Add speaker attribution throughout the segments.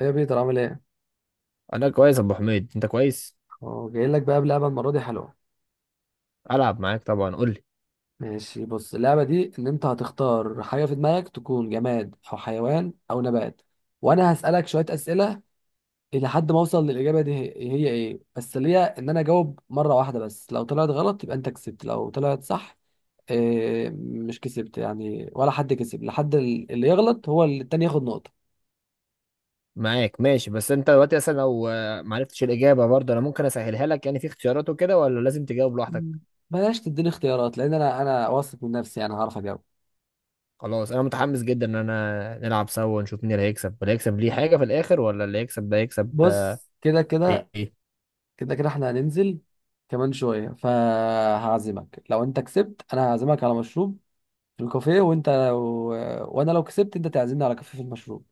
Speaker 1: ايه يا بيتر، عامل ايه؟
Speaker 2: انا كويس يا ابو حميد. انت كويس؟
Speaker 1: اه، جاي لك بقى بلعبه، المره دي حلوه.
Speaker 2: العب معاك طبعا، قول لي.
Speaker 1: ماشي، بص، اللعبه دي ان انت هتختار حاجه في دماغك، تكون جماد او حيوان او نبات، وانا هسالك شويه اسئله الى حد ما اوصل للاجابه. دي هي ايه، بس اللي هي ان انا اجاوب مره واحده بس، لو طلعت غلط يبقى انت كسبت، لو طلعت صح إيه، مش كسبت يعني، ولا حد كسب، لحد اللي يغلط هو اللي التاني ياخد نقطه.
Speaker 2: معاك، ماشي. بس انت دلوقتي اصلا لو ما عرفتش الاجابه برضه انا ممكن اسهلها لك، يعني في اختيارات وكده، ولا لازم تجاوب
Speaker 1: مم.
Speaker 2: لوحدك؟
Speaker 1: بلاش تديني اختيارات، لان انا واثق من نفسي، يعني هعرف اجاوب.
Speaker 2: خلاص انا متحمس جدا ان انا نلعب سوا ونشوف مين اللي هيكسب. اللي هيكسب ليه حاجه في الاخر، ولا اللي هيكسب ده يكسب
Speaker 1: بص كده كده.
Speaker 2: ايه؟
Speaker 1: كده كده احنا هننزل كمان شوية، فهعزمك لو انت كسبت، انا هعزمك على مشروب في الكافيه، وانت. وانا لو كسبت، انت تعزمني على كافيه في المشروب.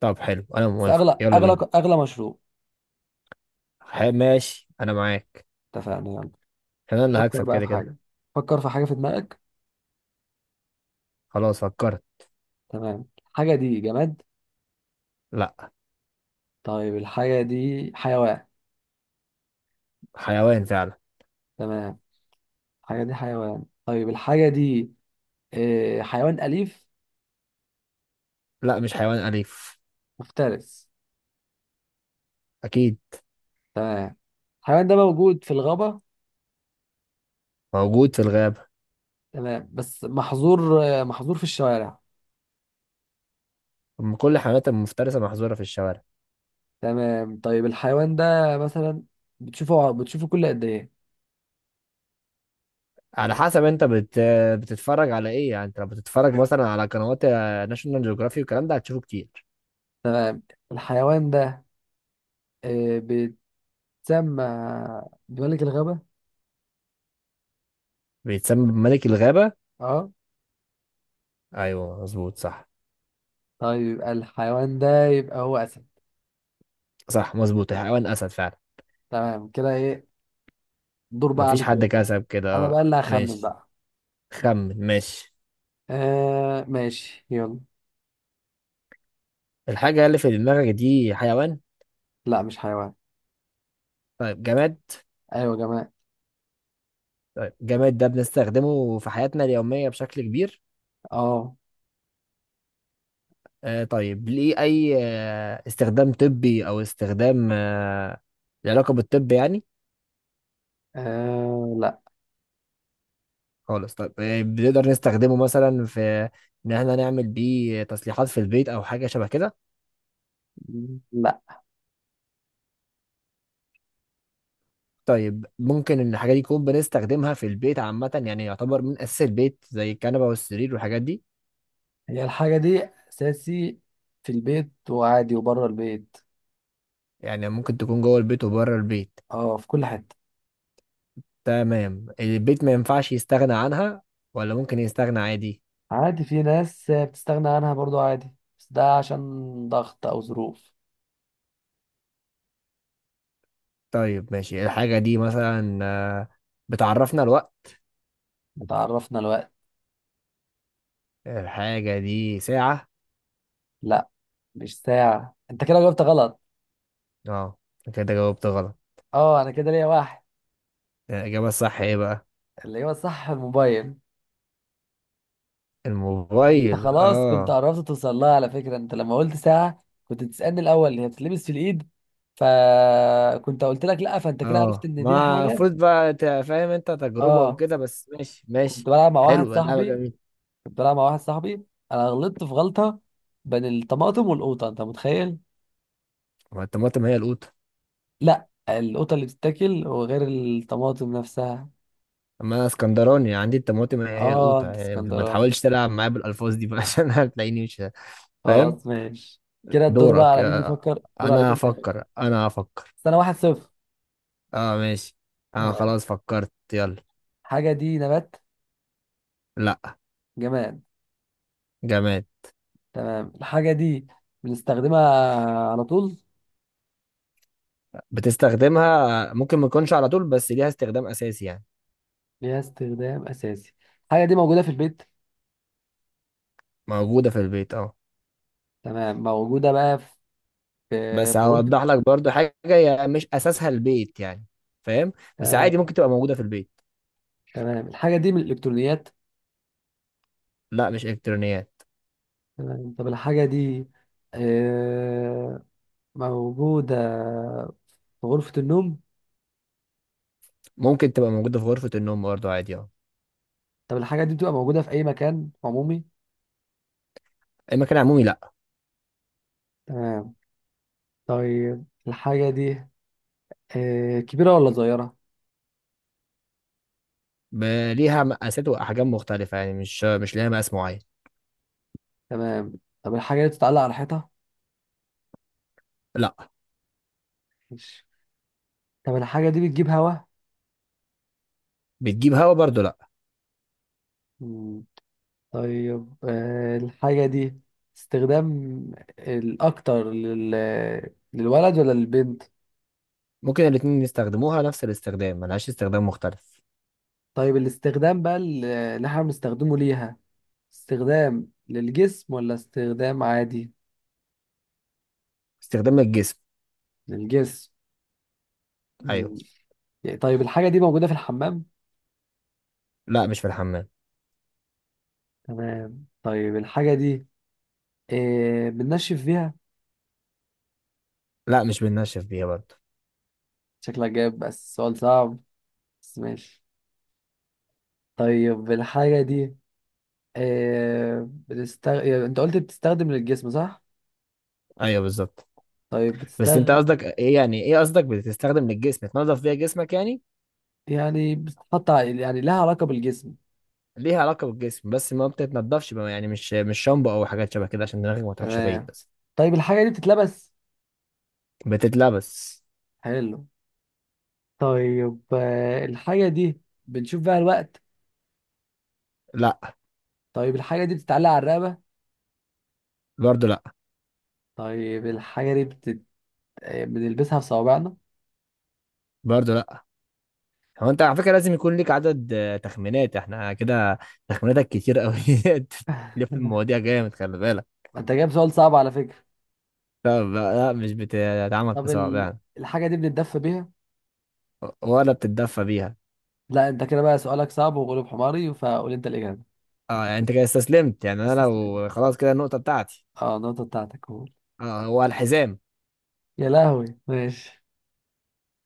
Speaker 2: طب حلو، انا
Speaker 1: بس
Speaker 2: موافق،
Speaker 1: اغلى
Speaker 2: يلا
Speaker 1: اغلى
Speaker 2: بينا.
Speaker 1: اغلى مشروب.
Speaker 2: ماشي، انا معاك.
Speaker 1: اتفقنا، يلا.
Speaker 2: عشان انا اللي
Speaker 1: فكر
Speaker 2: هكسب
Speaker 1: بقى في
Speaker 2: كده كده.
Speaker 1: حاجة. فكر في حاجة في دماغك.
Speaker 2: خلاص فكرت.
Speaker 1: تمام، الحاجة دي جماد؟
Speaker 2: لا.
Speaker 1: طيب الحاجة دي حيوان؟
Speaker 2: حيوان فعلا.
Speaker 1: تمام، الحاجة دي حيوان. طيب الحاجة دي اه، حيوان أليف؟
Speaker 2: لا، مش حيوان اليف.
Speaker 1: مفترس.
Speaker 2: اكيد.
Speaker 1: تمام، الحيوان ده موجود في الغابة.
Speaker 2: موجود في الغابه.
Speaker 1: تمام، بس محظور في الشوارع.
Speaker 2: أم، كل الحيوانات المفترسه محظوره في الشوارع.
Speaker 1: تمام، طيب الحيوان ده مثلا بتشوفه كل قد ايه؟
Speaker 2: على حسب، بتتفرج على ايه يعني؟ انت لو بتتفرج مثلا على قنوات ناشونال جيوغرافي والكلام ده هتشوفه كتير.
Speaker 1: تمام، الحيوان ده بيتسمى بملك الغابة.
Speaker 2: بيتسمى بملك الغابة.
Speaker 1: اه،
Speaker 2: ايوه، مظبوط، صح.
Speaker 1: طيب الحيوان ده يبقى هو أسد.
Speaker 2: صح، مظبوط، حيوان اسد فعلا.
Speaker 1: تمام، كده ايه، دور بقى
Speaker 2: مفيش
Speaker 1: عليك
Speaker 2: حد
Speaker 1: يلا.
Speaker 2: كسب كده،
Speaker 1: انا
Speaker 2: اه.
Speaker 1: بقى اللي هخمن
Speaker 2: ماشي،
Speaker 1: بقى.
Speaker 2: خمن، ماشي.
Speaker 1: آه ماشي، يلا.
Speaker 2: الحاجة اللي في دماغك دي حيوان؟
Speaker 1: لا، مش حيوان.
Speaker 2: طيب، جماد.
Speaker 1: ايوه يا جماعة.
Speaker 2: طيب، جماد ده بنستخدمه في حياتنا اليومية بشكل كبير؟
Speaker 1: اه.
Speaker 2: آه، طيب ليه اي استخدام طبي، او استخدام له علاقة بالطب يعني؟
Speaker 1: لا.
Speaker 2: خالص. طيب بنقدر نستخدمه مثلا في ان احنا نعمل بيه تصليحات في البيت او حاجه شبه كده؟
Speaker 1: لا.
Speaker 2: طيب ممكن ان الحاجه دي نكون بنستخدمها في البيت عامه، يعني يعتبر من اساس البيت زي الكنبه والسرير والحاجات دي؟
Speaker 1: هي الحاجة دي اساسي في البيت وعادي وبره البيت.
Speaker 2: يعني ممكن تكون جوه البيت وبره البيت.
Speaker 1: اه، في كل حتة.
Speaker 2: تمام. البيت ما ينفعش يستغنى عنها، ولا ممكن يستغنى عادي؟
Speaker 1: عادي، في ناس بتستغنى عنها برضو عادي، بس ده عشان ضغط او ظروف.
Speaker 2: طيب ماشي. الحاجه دي مثلا بتعرفنا الوقت؟
Speaker 1: تعرفنا الوقت.
Speaker 2: الحاجه دي ساعه.
Speaker 1: لا، مش ساعة، انت كده جاوبت غلط.
Speaker 2: اه، كده جاوبت غلط.
Speaker 1: اه، انا كده ليا واحد.
Speaker 2: الاجابه الصح ايه بقى؟
Speaker 1: اللي هو صح، الموبايل. انت
Speaker 2: الموبايل؟
Speaker 1: خلاص كنت
Speaker 2: اه.
Speaker 1: قربت توصل لها، على فكرة، انت لما قلت ساعة كنت تسألني الاول هي بتتلبس في الايد، فكنت قلت لك لا، فانت كده عرفت
Speaker 2: اه،
Speaker 1: ان دي
Speaker 2: ما
Speaker 1: الحاجة.
Speaker 2: المفروض بقى فاهم؟ انت تجربة
Speaker 1: اه.
Speaker 2: وكده، بس ماشي
Speaker 1: كنت
Speaker 2: ماشي.
Speaker 1: بلعب مع واحد
Speaker 2: حلو، لعبة
Speaker 1: صاحبي.
Speaker 2: جميلة.
Speaker 1: كنت بلعب مع واحد صاحبي، انا غلطت في غلطة بين الطماطم والقوطة، انت متخيل؟
Speaker 2: ما الطماطم هي القوطة.
Speaker 1: لا، القطة اللي بتتاكل، وغير الطماطم نفسها.
Speaker 2: ما اسكندراني، عندي الطماطم هي هي
Speaker 1: اه،
Speaker 2: القوطة،
Speaker 1: انت
Speaker 2: يعني ما
Speaker 1: اسكندراني،
Speaker 2: تحاولش تلعب معايا بالألفاظ دي بقى عشان هتلاقيني مش فاهم.
Speaker 1: خلاص ماشي. كده الدور بقى
Speaker 2: دورك
Speaker 1: على مين
Speaker 2: يا-
Speaker 1: بيفكر، دور عليك
Speaker 2: انا
Speaker 1: انت يفكر.
Speaker 2: هفكر، انا هفكر.
Speaker 1: سنة واحد صفر.
Speaker 2: اه ماشي، انا
Speaker 1: تمام،
Speaker 2: خلاص فكرت، يلا.
Speaker 1: الحاجة دي نبات؟
Speaker 2: لا.
Speaker 1: جماد.
Speaker 2: جماد.
Speaker 1: تمام، الحاجة دي بنستخدمها على طول؟
Speaker 2: بتستخدمها، ممكن ما تكونش على طول، بس ليها استخدام اساسي يعني.
Speaker 1: ليها استخدام أساسي. الحاجة دي موجودة في البيت؟
Speaker 2: موجودة في البيت، اه.
Speaker 1: تمام، موجودة بقى في، في
Speaker 2: بس
Speaker 1: غرفة.
Speaker 2: هوضح لك برضو حاجة، هي مش أساسها البيت يعني. فاهم؟ بس
Speaker 1: آه،
Speaker 2: عادي، ممكن تبقى موجودة في البيت.
Speaker 1: تمام، الحاجة دي من الإلكترونيات؟
Speaker 2: لا، مش إلكترونيات.
Speaker 1: تمام، طب الحاجة دي آه، موجودة في غرفة النوم؟
Speaker 2: ممكن تبقى موجودة في غرفة النوم برضو عادي، اه.
Speaker 1: طب الحاجة دي بتبقى موجودة في أي مكان عمومي؟
Speaker 2: المكان العمومي، لا.
Speaker 1: تمام، طيب الحاجة دي كبيرة ولا صغيرة؟
Speaker 2: ب- ليها مقاسات وأحجام مختلفة، يعني مش ليها مقاس معين.
Speaker 1: تمام، طب الحاجة دي بتتعلق على حيطة؟
Speaker 2: لا.
Speaker 1: ماشي. طب الحاجة دي بتجيب هوا؟
Speaker 2: بتجيب هوا برضو، لا.
Speaker 1: مم. طيب الحاجة دي استخدام الأكتر للولد ولا للبنت؟
Speaker 2: ممكن الاتنين يستخدموها نفس الاستخدام، ملهاش استخدام مختلف.
Speaker 1: طيب الاستخدام بقى اللي احنا بنستخدمه ليها، استخدام للجسم ولا استخدام عادي؟
Speaker 2: استخدام الجسم.
Speaker 1: للجسم.
Speaker 2: أيوه.
Speaker 1: مم. يعني طيب الحاجة دي موجودة في الحمام؟
Speaker 2: لا، مش في الحمام.
Speaker 1: تمام، طيب الحاجة دي إيه، بننشف فيها؟
Speaker 2: لا، مش بننشف بيها برضو.
Speaker 1: شكلك جايب بس سؤال صعب، بس ماشي. طيب الحاجة دي إيه، يعني انت قلت بتستخدم للجسم صح؟
Speaker 2: أيوه، بالظبط.
Speaker 1: طيب،
Speaker 2: بس أنت قصدك إيه يعني؟ إيه قصدك بتستخدم للجسم؟ تنظف بيها جسمك يعني؟
Speaker 1: يعني يعني لها علاقة بالجسم.
Speaker 2: ليها علاقة بالجسم، بس ما بتتنضفش بقى، يعني مش شامبو او حاجات شبه كده، عشان دماغك ما تروحش بعيد
Speaker 1: تمام،
Speaker 2: بس.
Speaker 1: طيب الحاجة دي بتتلبس؟
Speaker 2: بتتلبس.
Speaker 1: حلو. طيب الحاجة دي بنشوف بيها الوقت؟
Speaker 2: لا.
Speaker 1: طيب الحاجة دي بتتعلق على الرقبة؟
Speaker 2: برضه لا.
Speaker 1: طيب الحاجة دي بتت... آه، بنلبسها في صوابعنا؟
Speaker 2: برضه لا. هو انت على فكرة لازم يكون ليك عدد تخمينات، احنا كده تخميناتك كتير قوي. تلف المواضيع جامد، خلي بالك.
Speaker 1: انت جايب سؤال صعب على فكرة.
Speaker 2: طب لا، مش بتتعمل في
Speaker 1: طب
Speaker 2: صوابع يعني.
Speaker 1: الحاجة دي بنتدفى بيها؟
Speaker 2: ولا بتتدفى بيها.
Speaker 1: لا، انت كده بقى سؤالك صعب وغلب حماري، فقول انت الإجابة.
Speaker 2: اه، يعني انت كده استسلمت يعني؟ انا
Speaker 1: استسلم،
Speaker 2: لو خلاص كده النقطة بتاعتي.
Speaker 1: اه، النقطة بتاعتك، قول.
Speaker 2: اه. هو الحزام.
Speaker 1: يا لهوي، ماشي.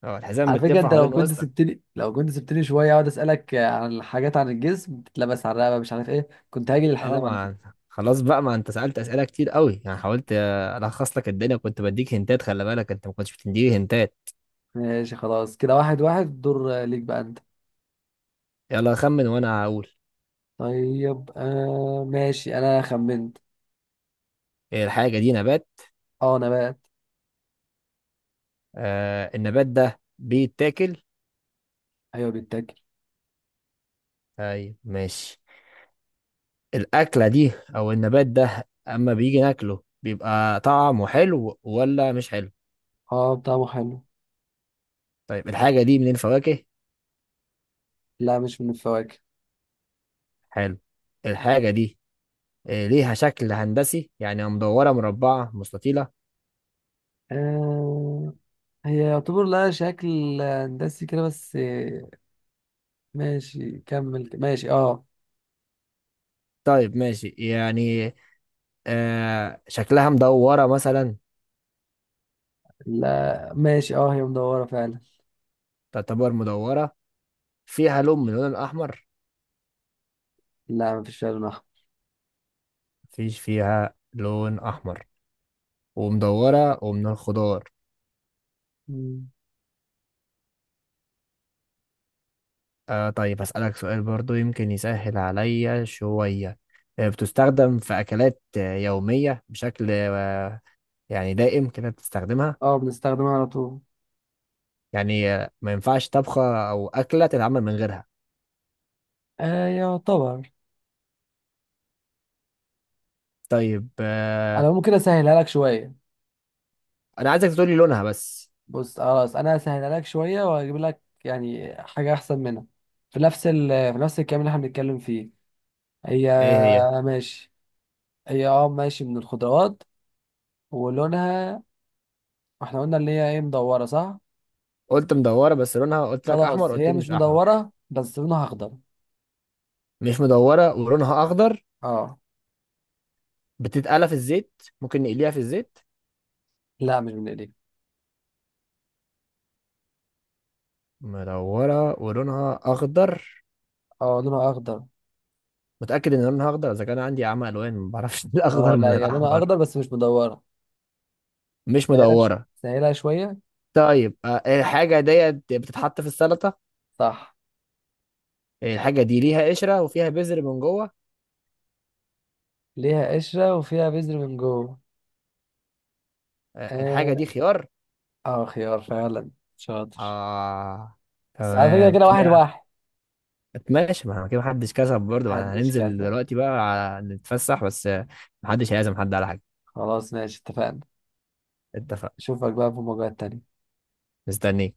Speaker 2: اه، الحزام
Speaker 1: على فكرة،
Speaker 2: بتلفه
Speaker 1: انت لو
Speaker 2: حوالين
Speaker 1: كنت
Speaker 2: وسطك.
Speaker 1: سبتني، شوية اقعد اسألك عن الحاجات، عن الجسم بتتلبس على الرقبة مش عارف ايه، كنت هاجي
Speaker 2: اه.
Speaker 1: للحزام على
Speaker 2: ما
Speaker 1: فكرة.
Speaker 2: خلاص بقى، ما انت سألت أسئلة كتير قوي، يعني حاولت الخص لك الدنيا، كنت بديك هنتات، خلي بالك، انت ما كنتش بتديني هنتات.
Speaker 1: ماشي، خلاص، كده واحد واحد، دور ليك بقى انت.
Speaker 2: يلا خمن وانا هقول.
Speaker 1: طيب ماشي، انا خمنت.
Speaker 2: إيه الحاجة دي؟ نبات؟
Speaker 1: اه، نبات.
Speaker 2: آه، النبات ده بيتاكل؟
Speaker 1: ايوه بيتاكل.
Speaker 2: ايوه ماشي. الأكلة دي او النبات ده اما بيجي ناكله بيبقى طعمه حلو ولا مش حلو؟
Speaker 1: اه، طعمه حلو.
Speaker 2: طيب الحاجة دي من الفواكه؟
Speaker 1: لا، مش من الفواكه.
Speaker 2: حلو. الحاجة دي ليها شكل هندسي يعني، مدورة، مربعة، مستطيلة؟
Speaker 1: آه، هي يعتبر لها شكل هندسي كده بس، ماشي كمل، ماشي اه.
Speaker 2: طيب ماشي يعني. آه، شكلها مدورة مثلا؟
Speaker 1: لا ماشي، اه، هي مدورة فعلا.
Speaker 2: تعتبر مدورة. فيها لون من اللون الأحمر؟
Speaker 1: لا، مفيش فيها لون أحمر.
Speaker 2: مفيش فيها لون أحمر، ومدورة، ومن الخضار.
Speaker 1: مم.
Speaker 2: آه، طيب هسألك سؤال برضو يمكن يسهل عليا شوية. آه، بتستخدم في أكلات يومية بشكل يعني دائم كده بتستخدمها؟
Speaker 1: اه، بنستخدمها على طول.
Speaker 2: يعني ما ينفعش طبخة أو أكلة تتعمل من غيرها؟
Speaker 1: آه، يعتبر.
Speaker 2: طيب آه.
Speaker 1: انا ممكن اسهلها لك شوية.
Speaker 2: أنا عايزك تقولي لونها بس.
Speaker 1: بص، خلاص، انا هسهلها لك شوية واجيب لك يعني حاجة احسن منها، في نفس الكلام اللي احنا بنتكلم فيه.
Speaker 2: إيه
Speaker 1: هي.
Speaker 2: هي؟
Speaker 1: ماشي، هي اه ماشي، من الخضروات، ولونها، احنا قلنا اللي هي ايه، مدورة صح.
Speaker 2: قلت مدورة، بس لونها قلت لك أحمر،
Speaker 1: خلاص،
Speaker 2: قلت
Speaker 1: هي
Speaker 2: لي
Speaker 1: مش
Speaker 2: مش أحمر.
Speaker 1: مدورة بس لونها أخضر.
Speaker 2: مش مدورة ولونها أخضر.
Speaker 1: اه.
Speaker 2: بتتقلى في الزيت؟ ممكن نقليها في الزيت؟
Speaker 1: لا، مش من إيديك.
Speaker 2: مدورة ولونها أخضر؟
Speaker 1: اه، لونها أخضر.
Speaker 2: متأكد إن لونها أخضر؟ إذا كان عندي عمى ألوان ما بعرفش
Speaker 1: اه
Speaker 2: الأخضر
Speaker 1: لا،
Speaker 2: من
Speaker 1: هي لونها
Speaker 2: الأحمر.
Speaker 1: أخضر بس مش مدورة.
Speaker 2: مش مدورة.
Speaker 1: سهلها شوية.
Speaker 2: طيب الحاجة ديت بتتحط في السلطة.
Speaker 1: صح.
Speaker 2: الحاجة دي ليها قشرة وفيها بذر من جوه.
Speaker 1: ليها قشرة وفيها بذر من جوه.
Speaker 2: آه، الحاجة
Speaker 1: اه،
Speaker 2: دي خيار.
Speaker 1: خيار فعلا. شاطر.
Speaker 2: آه.
Speaker 1: بس على فكرة
Speaker 2: تمام
Speaker 1: كده واحد
Speaker 2: كده.
Speaker 1: واحد.
Speaker 2: ماشي، ما كده محدش كسب برضه، ما احنا
Speaker 1: محدش
Speaker 2: هننزل
Speaker 1: كسب.
Speaker 2: دلوقتي بقى نتفسح، بس محدش هيعزم حد على حاجة.
Speaker 1: خلاص ماشي، اتفقنا.
Speaker 2: اتفق.
Speaker 1: أشوفك بقى في مواجهات تانية.
Speaker 2: مستنيك.